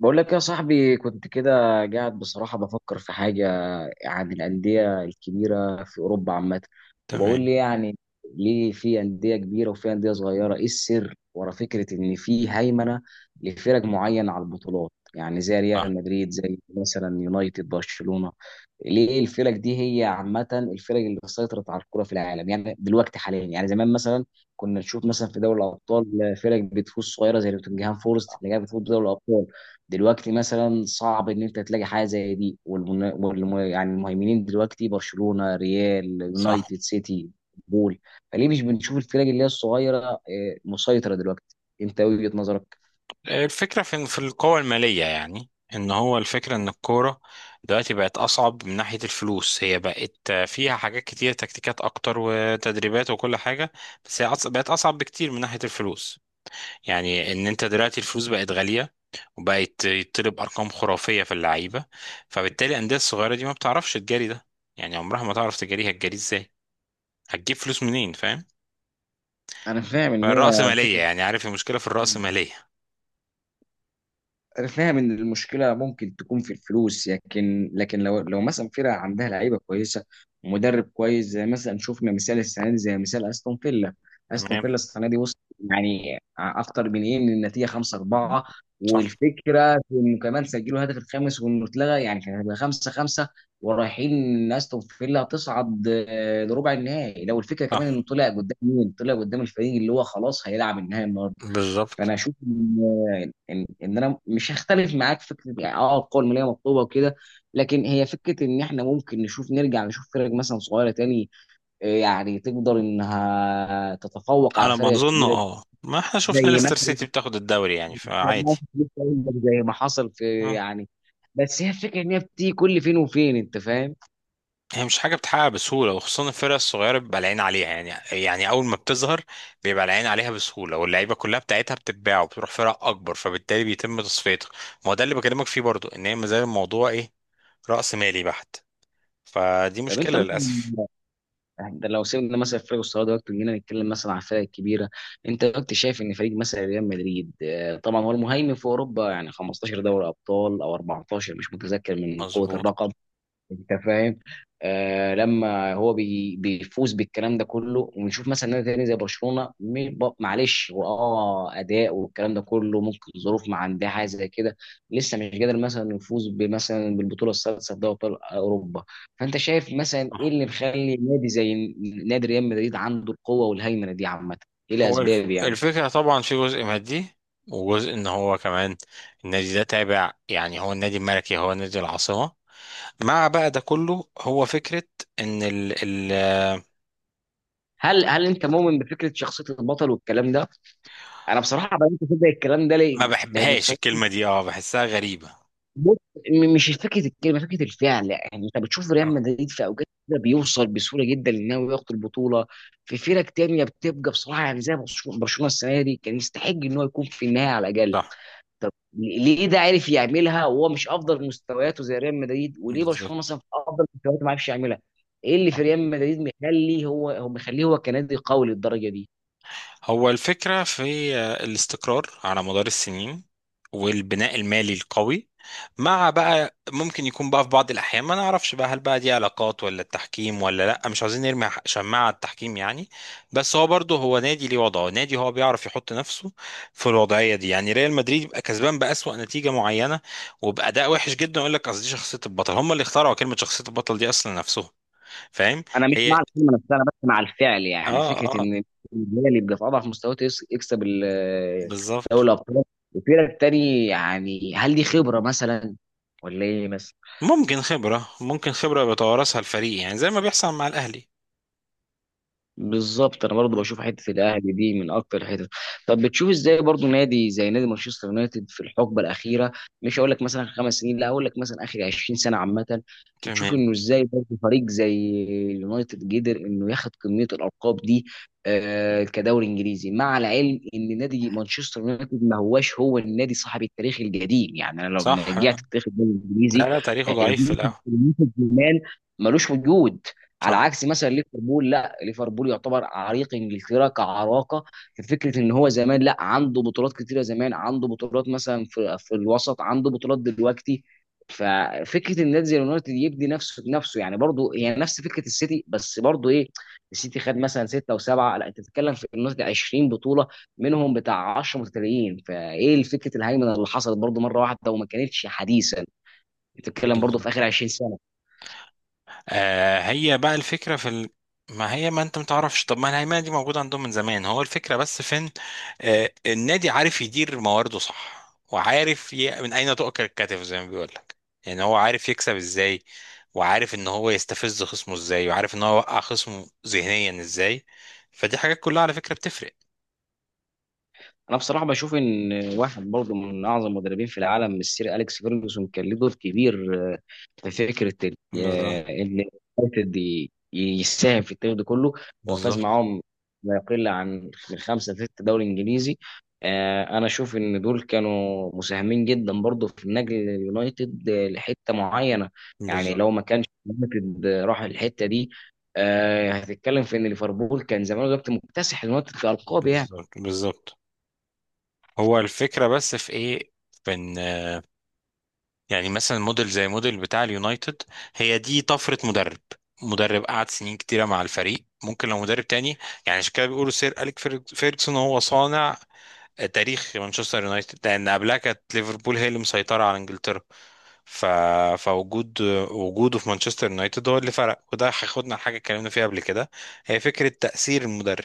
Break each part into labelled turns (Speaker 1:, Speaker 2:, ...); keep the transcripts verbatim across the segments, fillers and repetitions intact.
Speaker 1: بقول لك يا صاحبي كنت كده قاعد. بصراحة بفكر في حاجة عن الأندية الكبيرة في أوروبا عامة. وبقول
Speaker 2: تمام.
Speaker 1: لي يعني ليه في أندية كبيرة وفي أندية صغيرة؟ إيه السر ورا فكرة إن في هيمنة لفرق معينة على البطولات، يعني زي
Speaker 2: صح.
Speaker 1: ريال مدريد، زي مثلا يونايتد، برشلونة. ليه الفرق دي هي عامة الفرق اللي سيطرت على الكرة في العالم؟ يعني دلوقتي حاليا، يعني زمان مثلا كنا نشوف
Speaker 2: صح.
Speaker 1: مثلا في دوري الأبطال فرق بتفوز صغيرة زي نوتنجهام فورست اللي جايه بتفوز دوري الأبطال. دلوقتي مثلا صعب ان انت تلاقي حاجه زي دي. والمن... والم... يعني المهيمنين دلوقتي برشلونه، ريال،
Speaker 2: صح.
Speaker 1: يونايتد، سيتي، بول. فليه مش بنشوف الفرق اللي هي الصغيره آه، مسيطره دلوقتي؟ انت وجهه نظرك؟
Speaker 2: الفكرة في في القوة المالية، يعني ان هو الفكرة ان الكورة دلوقتي بقت اصعب من ناحية الفلوس، هي بقت فيها حاجات كتير، تكتيكات اكتر وتدريبات وكل حاجة، بس هي أص- بقت اصعب بكتير من ناحية الفلوس. يعني ان انت دلوقتي الفلوس بقت غالية، وبقت يطلب ارقام خرافية في اللعيبة، فبالتالي الاندية الصغيرة دي ما بتعرفش تجاري ده، يعني عمرها ما تعرف تجاريها، هتجاري ازاي؟ هتجيب فلوس منين؟ فاهم.
Speaker 1: انا فاهم ان هي
Speaker 2: فالرأسمالية،
Speaker 1: فكره.
Speaker 2: يعني عارف المشكلة في الرأسمالية.
Speaker 1: انا فاهم ان المشكله ممكن تكون في الفلوس، لكن لكن لو لو مثلا فرقه عندها لعيبه كويسه ومدرب كويس، زي مثلا شفنا مثال السنه دي، زي مثال استون فيلا. استون
Speaker 2: تمام.
Speaker 1: فيلا السنه دي وصل يعني اكتر من ايه، من النتيجه خمسة أربعة،
Speaker 2: صح.
Speaker 1: والفكره في انه كمان سجلوا هدف الخامس وانه اتلغى يعني كان هيبقى خمسة خمسة، ورايحين ان استون فيلا تصعد آه، لربع النهائي. لو الفكره كمان
Speaker 2: صح.
Speaker 1: انه طلع قدام مين؟ طلع قدام الفريق اللي هو خلاص هيلعب النهائي.
Speaker 2: بالظبط.
Speaker 1: فانا اشوف ان ان ان انا مش هختلف معاك في فكره، يعني اه القوه الماليه مطلوبه وكده. لكن هي فكره ان احنا ممكن نشوف، نرجع نشوف فرق مثلا صغيره تاني، آه، يعني تقدر انها تتفوق على
Speaker 2: على ما
Speaker 1: الفرق
Speaker 2: اظن
Speaker 1: الكبيره دي.
Speaker 2: اه، ما احنا شفنا
Speaker 1: زي
Speaker 2: ليستر
Speaker 1: مثلا
Speaker 2: سيتي بتاخد الدوري يعني، فعادي.
Speaker 1: زي ما حصل في
Speaker 2: اه،
Speaker 1: يعني. بس هي الفكره ان هي بتيجي كل فين وفين، انت فاهم.
Speaker 2: هي مش حاجه بتحقق بسهوله، وخصوصا الفرق الصغيره بيبقى العين عليها يعني، يعني اول ما بتظهر بيبقى العين عليها بسهوله، واللعيبه كلها بتاعتها بتتباع وبتروح فرق اكبر، فبالتالي بيتم تصفيتها. ما هو ده اللي بكلمك فيه برضو، ان هي ما زال الموضوع ايه، راس مالي بحت، فدي
Speaker 1: طب انت
Speaker 2: مشكله للاسف.
Speaker 1: مثلا يعني ده لو سيبنا مثلا فريق الصلاه دلوقتي وجينا نتكلم مثلا عن الفرق الكبيره، انت دلوقتي شايف ان فريق مثلا ريال مدريد آه، طبعا هو المهيمن في اوروبا، يعني خمستاشر دوري ابطال او أربعة عشر مش متذكر من قوه
Speaker 2: مظبوط.
Speaker 1: الرقم، انت فاهم؟ آه لما هو بي بيفوز بالكلام ده كله، ونشوف مثلا نادي تاني زي برشلونه، م- ب- معلش هو اه اداء والكلام ده كله، ممكن ظروف ما عندها حاجه زي كده لسه مش قادر مثلا يفوز بمثلا بالبطوله السادسه في دوري ابطال اوروبا. فانت شايف مثلا ايه اللي مخلي نادي زي نادي ريال مدريد عنده القوه والهيمنه دي عامه؟ ايه
Speaker 2: هو الف...
Speaker 1: الاسباب يعني؟
Speaker 2: الفكرة طبعا في جزء مادي، وجزء ان هو كمان النادي ده تابع، يعني هو النادي الملكي، هو نادي العاصمة، مع بقى ده كله هو فكرة ان ال... ال...
Speaker 1: هل هل انت مؤمن بفكره شخصيه البطل والكلام ده؟ انا بصراحه بقيت كده الكلام ده
Speaker 2: ما
Speaker 1: ليه؟ لان
Speaker 2: بحبهاش
Speaker 1: بصراحه،
Speaker 2: الكلمة دي، اه بحسها غريبة.
Speaker 1: بص، م- مش فكره الكلمه، فكره الفعل. يعني انت بتشوف ريال
Speaker 2: صح.
Speaker 1: مدريد في اوقات كده بيوصل بسهوله جدا انه ياخد البطوله. في فرق تانية بتبقى بصراحه يعني زي برشلونه. برشلونة السنه دي كان يستحق ان هو يكون في النهايه على الاقل.
Speaker 2: صح.
Speaker 1: طب ليه ده عارف يعملها وهو مش افضل مستوياته زي ريال مدريد، وليه برشلونه
Speaker 2: بالظبط.
Speaker 1: مثلا في افضل مستوياته ما عرفش يعملها؟ ايه اللي في ريال مدريد مخليه، هو هو مخليه هو كنادي قوي للدرجه دي؟
Speaker 2: هو الفكرة في الاستقرار على مدار السنين، والبناء المالي القوي، مع بقى ممكن يكون بقى في بعض الأحيان ما نعرفش بقى، هل بقى دي علاقات، ولا التحكيم، ولا لأ، مش عايزين نرمي ح- شماعة على التحكيم يعني. بس هو برضه هو نادي ليه وضعه، نادي هو بيعرف يحط نفسه في الوضعية دي، يعني ريال مدريد يبقى كسبان بأسوأ نتيجة معينة وبأداء وحش جدا، يقول لك أصل دي شخصية البطل، هم اللي اخترعوا كلمة شخصية البطل دي أصلا نفسهم، فاهم.
Speaker 1: انا مش
Speaker 2: هي
Speaker 1: مع الكلمه نفسها، انا بس مع الفعل.
Speaker 2: اه
Speaker 1: يعني فكره
Speaker 2: اه
Speaker 1: ان الجيل اللي بيبقى في اضعف مستوياته يس- يكسب ال- دوري
Speaker 2: بالظبط.
Speaker 1: الابطال، وفرق تاني. يعني هل دي خبره مثلا ولا ايه؟
Speaker 2: ممكن خبرة، ممكن خبرة بيتوارثها الفريق، يعني زي ما بيحصل مع الأهلي.
Speaker 1: بالظبط، انا برضو
Speaker 2: مم.
Speaker 1: بشوف حته الاهلي دي من اكتر الحتت. طب بتشوف ازاي برضو نادي زي نادي مانشستر يونايتد في الحقبه الاخيره، مش هقول لك مثلا خمس سنين، لا هقول لك مثلا اخر عشرين سنه عامه، بتشوف
Speaker 2: تمام.
Speaker 1: انه ازاي برضو فريق زي اليونايتد قدر انه ياخد كميه الالقاب دي آه كدوري انجليزي؟ مع العلم ان نادي مانشستر يونايتد ما هواش هو النادي صاحب التاريخ القديم، يعني انا لو
Speaker 2: صح.
Speaker 1: رجعت تاريخ الدوري الانجليزي
Speaker 2: لا لا، تاريخه
Speaker 1: آه،
Speaker 2: ضعيف في الأول.
Speaker 1: ملوش وجود، على
Speaker 2: صح.
Speaker 1: عكس مثلا ليفربول. لا ليفربول يعتبر عريق، انجلترا كعراقه، في فكره ان هو زمان لا عنده بطولات كتيره، زمان عنده بطولات مثلا في في الوسط، عنده بطولات دلوقتي. ففكره ان نادي زي اليونايتد يبدي نفسه بنفسه، يعني برضه هي يعني نفس فكره السيتي، بس برضه ايه؟ السيتي خد مثلا سته وسبعه، لا انت بتتكلم في اليونايتد عشرين بطوله، منهم بتاع عشرة متتاليين. فايه الفكره الهيمنه اللي حصلت برضه مره واحده وما كانتش حديثا، بتتكلم برضه في
Speaker 2: بالظبط.
Speaker 1: اخر عشرين.
Speaker 2: آه، هي بقى الفكرة في ال... ما هي، ما انت متعرفش، طب ما الهيمنة دي موجودة عندهم من زمان، هو الفكرة بس فين؟ آه، النادي عارف يدير موارده. صح. وعارف ي... من أين تؤكل الكتف زي ما بيقول لك، يعني هو عارف يكسب ازاي، وعارف ان هو يستفز خصمه ازاي، وعارف ان هو يوقع خصمه ذهنيا ازاي، فدي حاجات كلها على فكرة بتفرق.
Speaker 1: انا بصراحه بشوف ان واحد برضه من اعظم المدربين في العالم، السير اليكس فيرجسون، كان له دور كبير آه، في فكره ال-
Speaker 2: بالظبط.
Speaker 1: آه، ان يونايتد ي- يساهم في التاريخ ده كله. هو فاز
Speaker 2: بالظبط.
Speaker 1: معاهم ما يقل عن من خمسه لست دوري انجليزي. آه، انا اشوف ان دول كانوا مساهمين جدا برضه في نقل اليونايتد آه، لحته معينه. يعني
Speaker 2: بالظبط.
Speaker 1: لو ما كانش اليونايتد آه، راح الحته دي، آه، هتتكلم في ان ليفربول كان زمان دلوقتي مكتسح اليونايتد كارقام يعني.
Speaker 2: بالظبط. بالظبط. هو الفكرة بس في ايه، في ان، يعني مثلا موديل زي موديل بتاع اليونايتد، هي دي طفرة مدرب، مدرب قعد سنين كتيرة مع الفريق، ممكن لو مدرب تاني، يعني عشان كده بيقولوا سير أليك فيرج- فيرجسون هو صانع آه، تاريخ مانشستر يونايتد، لأن قبلها كانت ليفربول هي اللي مسيطرة على إنجلترا. ف... فوجود وجوده في مانشستر يونايتد هو اللي فرق، وده هياخدنا لحاجة اتكلمنا فيها قبل كده، هي فكرة تأثير المدرب،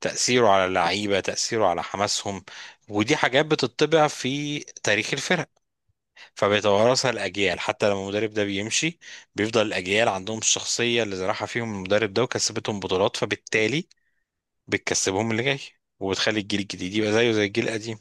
Speaker 2: تأثيره على اللعيبة، تأثيره على حماسهم، ودي حاجات بتطبع في تاريخ الفرق، فبيتوارثها الأجيال حتى لما المدرب ده بيمشي، بيفضل الأجيال عندهم الشخصية اللي زرعها فيهم المدرب ده، وكسبتهم بطولات، فبالتالي بتكسبهم اللي جاي، وبتخلي الجيل الجديد يبقى زيه زي الجيل القديم.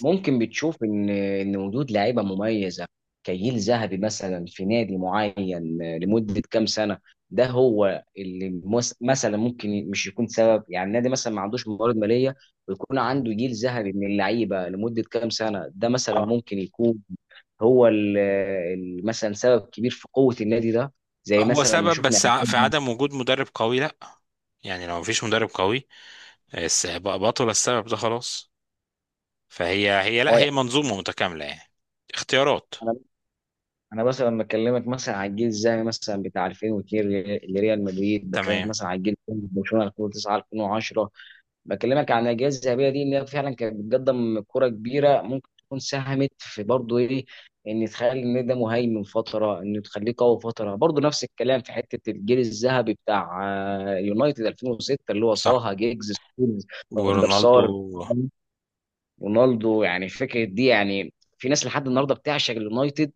Speaker 1: ممكن بتشوف ان ان وجود لعيبه مميزه كجيل ذهبي مثلا في نادي معين لمده كام سنه ده هو اللي مس- مثلا ممكن مش يكون سبب. يعني النادي مثلا ما عندوش موارد ماليه ويكون عنده جيل ذهبي من اللعيبه لمده كام سنه، ده مثلا
Speaker 2: اه.
Speaker 1: ممكن يكون هو ال- ال- مثلا سبب كبير في قوه النادي ده، زي
Speaker 2: هو
Speaker 1: مثلا ما
Speaker 2: سبب،
Speaker 1: شفنا.
Speaker 2: بس ع- في عدم وجود مدرب قوي لا، يعني لو مفيش مدرب قوي الس- بقى بطل السبب ده خلاص. فهي هي لا،
Speaker 1: اه،
Speaker 2: هي منظومة متكاملة يعني، اختيارات.
Speaker 1: يعني انا مثلا لما بكلمك مثلا على الجيل الذهبي مثلا بتاع ألفين واتنين لري- لريال مدريد، بكلمك
Speaker 2: تمام.
Speaker 1: مثلا على الجيل الثاني برشلونه ألفين وتسعة ألفين وعشرة، بكلمك عن الاجيال الذهبيه دي ان هي فعلا كانت بتقدم كره كبيره، ممكن تكون ساهمت في برضه ايه؟ ان تخلي النادي ده مهيمن فتره، ان تخليه قوي فتره. برضه نفس الكلام في حته الجيل الذهبي بتاع آه، يونايتد ألفين وستة اللي هو
Speaker 2: صح.
Speaker 1: صاها جيجز ستونز فاندر
Speaker 2: ورونالدو.
Speaker 1: سار رونالدو، يعني فكره دي يعني. في ناس لحد النهارده بتعشق اليونايتد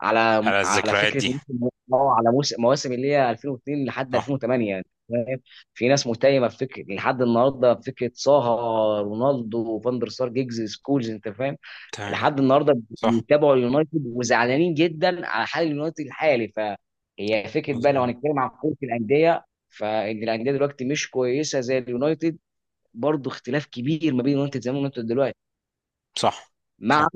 Speaker 1: على
Speaker 2: على
Speaker 1: على
Speaker 2: الذكريات
Speaker 1: فكره
Speaker 2: دي.
Speaker 1: موسم، اه على موسم مواسم اللي هي ألفين واثنين لحد
Speaker 2: صح.
Speaker 1: ألفين وثمانية يعني فاهم. في ناس متيمه بفكره لحد النهارده، بفكره صاها رونالدو فاندر سار جيجز سكولز انت فاهم.
Speaker 2: تمام.
Speaker 1: لحد النهارده
Speaker 2: صح.
Speaker 1: بيتابعوا اليونايتد وزعلانين جدا على حال اليونايتد الحالي. فهي فكره بقى، لو
Speaker 2: مظبوط.
Speaker 1: هنتكلم عن كره الانديه، فان الانديه دلوقتي مش كويسه زي اليونايتد. برضه اختلاف كبير ما بين اليونايتد زمان واليونايتد دلوقتي.
Speaker 2: صح.
Speaker 1: مع
Speaker 2: صح.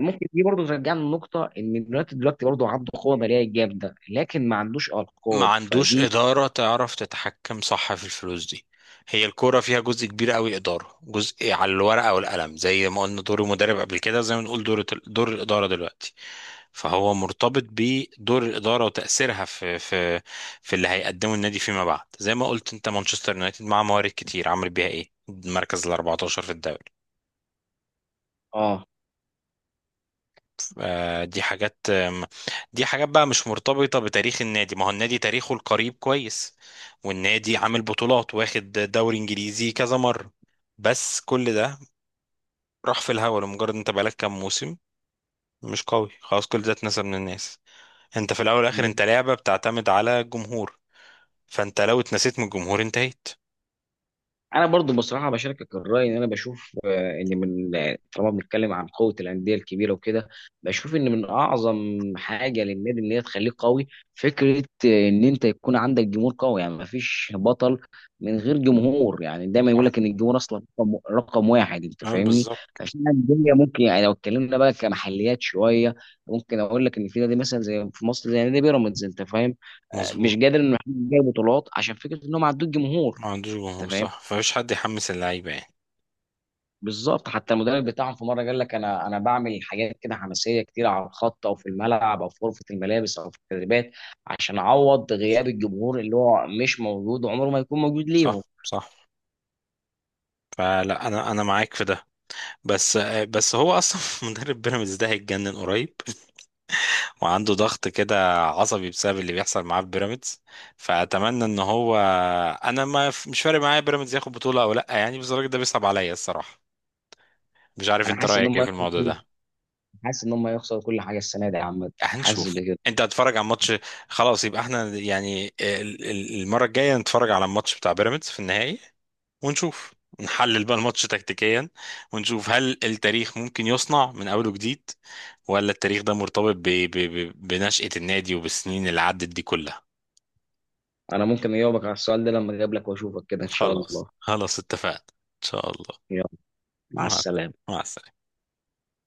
Speaker 1: ممكن دي برضه ترجعنا لنقطة إن اليونايتد دلوقتي برضه عنده قوة مالية جامدة، لكن ما عندوش
Speaker 2: ما
Speaker 1: ألقاب
Speaker 2: عندوش
Speaker 1: فدي.
Speaker 2: إدارة تعرف تتحكم، صح، في الفلوس دي، هي الكورة فيها جزء كبير قوي إدارة، جزء على الورقة والقلم، زي ما قلنا دور المدرب قبل كده، زي ما نقول دور دور الإدارة دلوقتي، فهو مرتبط بدور الإدارة وتأثيرها في في في اللي هيقدمه النادي فيما بعد، زي ما قلت أنت مانشستر يونايتد مع موارد كتير عمل بيها إيه؟ المركز ال الاربعتاشر في الدوري.
Speaker 1: اه،
Speaker 2: آه، دي حاجات آم، دي حاجات بقى مش مرتبطة بتاريخ النادي، ما هو النادي تاريخه القريب كويس، والنادي عامل بطولات، واخد دوري انجليزي كذا مرة، بس كل ده راح في الهوا لمجرد انت بقالك كام موسم مش قوي، خلاص كل ده اتنسى من الناس. انت في الاول والاخر انت لعبة بتعتمد على الجمهور، فانت لو اتنسيت من الجمهور انتهيت.
Speaker 1: انا برضو بصراحه بشاركك الراي، ان انا بشوف آه، ان من آه، طالما بنتكلم عن قوه الانديه الكبيره وكده، بشوف ان من اعظم حاجه للنادي ان هي تخليه قوي، فكره آه، ان انت يكون عندك جمهور قوي. يعني ما فيش بطل من غير جمهور، يعني دايما يقول
Speaker 2: صح.
Speaker 1: لك ان الجمهور اصلا رقم رقم واحد، انت
Speaker 2: اه
Speaker 1: فاهمني؟
Speaker 2: بالظبط.
Speaker 1: عشان الانديه ممكن يعني لو اتكلمنا بقى كمحليات شويه، ممكن اقول لك ان في نادي مثلا زي في مصر زي نادي بيراميدز، انت فاهم؟ آه، مش
Speaker 2: مظبوط.
Speaker 1: قادر انه يحقق بطولات عشان فكره انهم عندهم جمهور.
Speaker 2: ما عندوش
Speaker 1: انت
Speaker 2: جمهور،
Speaker 1: فاهم؟
Speaker 2: صح، فمفيش حد يحمس اللعيبة يعني.
Speaker 1: بالظبط، حتى المدرب بتاعهم في مره قال لك انا انا بعمل حاجات كده حماسيه كتير، على الخط او في الملعب او في غرفه الملابس او في التدريبات عشان اعوض غياب
Speaker 2: صح.
Speaker 1: الجمهور اللي هو مش موجود وعمره ما يكون موجود ليهم.
Speaker 2: صح. صح. فلا، انا انا معاك في ده، بس بس هو اصلا مدرب بيراميدز ده هيتجنن قريب، وعنده ضغط كده عصبي بسبب اللي بيحصل معاه في بيراميدز، فاتمنى ان هو، انا ما مش فارق معايا بيراميدز ياخد بطوله او لا يعني، بس الراجل ده بيصعب عليا الصراحه، مش عارف
Speaker 1: انا
Speaker 2: انت
Speaker 1: حاسس ان
Speaker 2: رايك ايه
Speaker 1: هم،
Speaker 2: في الموضوع ده.
Speaker 1: حاسس ان هم يخسروا كل حاجه السنه دي يا عم. حاسس
Speaker 2: هنشوف.
Speaker 1: بكده.
Speaker 2: انت هتتفرج على ماتش، خلاص، يبقى احنا يعني ال- ال- المره الجايه نتفرج على الماتش بتاع بيراميدز في النهائي، ونشوف، نحلل بقى الماتش تكتيكيا، ونشوف هل التاريخ ممكن يصنع من اوله جديد، ولا التاريخ ده مرتبط ب... ب... ب... بنشأة النادي وبالسنين اللي عدت دي كلها.
Speaker 1: انا ممكن اجاوبك على السؤال ده لما اجيب لك واشوفك كده ان شاء
Speaker 2: خلاص.
Speaker 1: الله.
Speaker 2: خلاص اتفقنا ان شاء الله.
Speaker 1: يلا، مع
Speaker 2: مع
Speaker 1: السلامه.
Speaker 2: مع السلامة.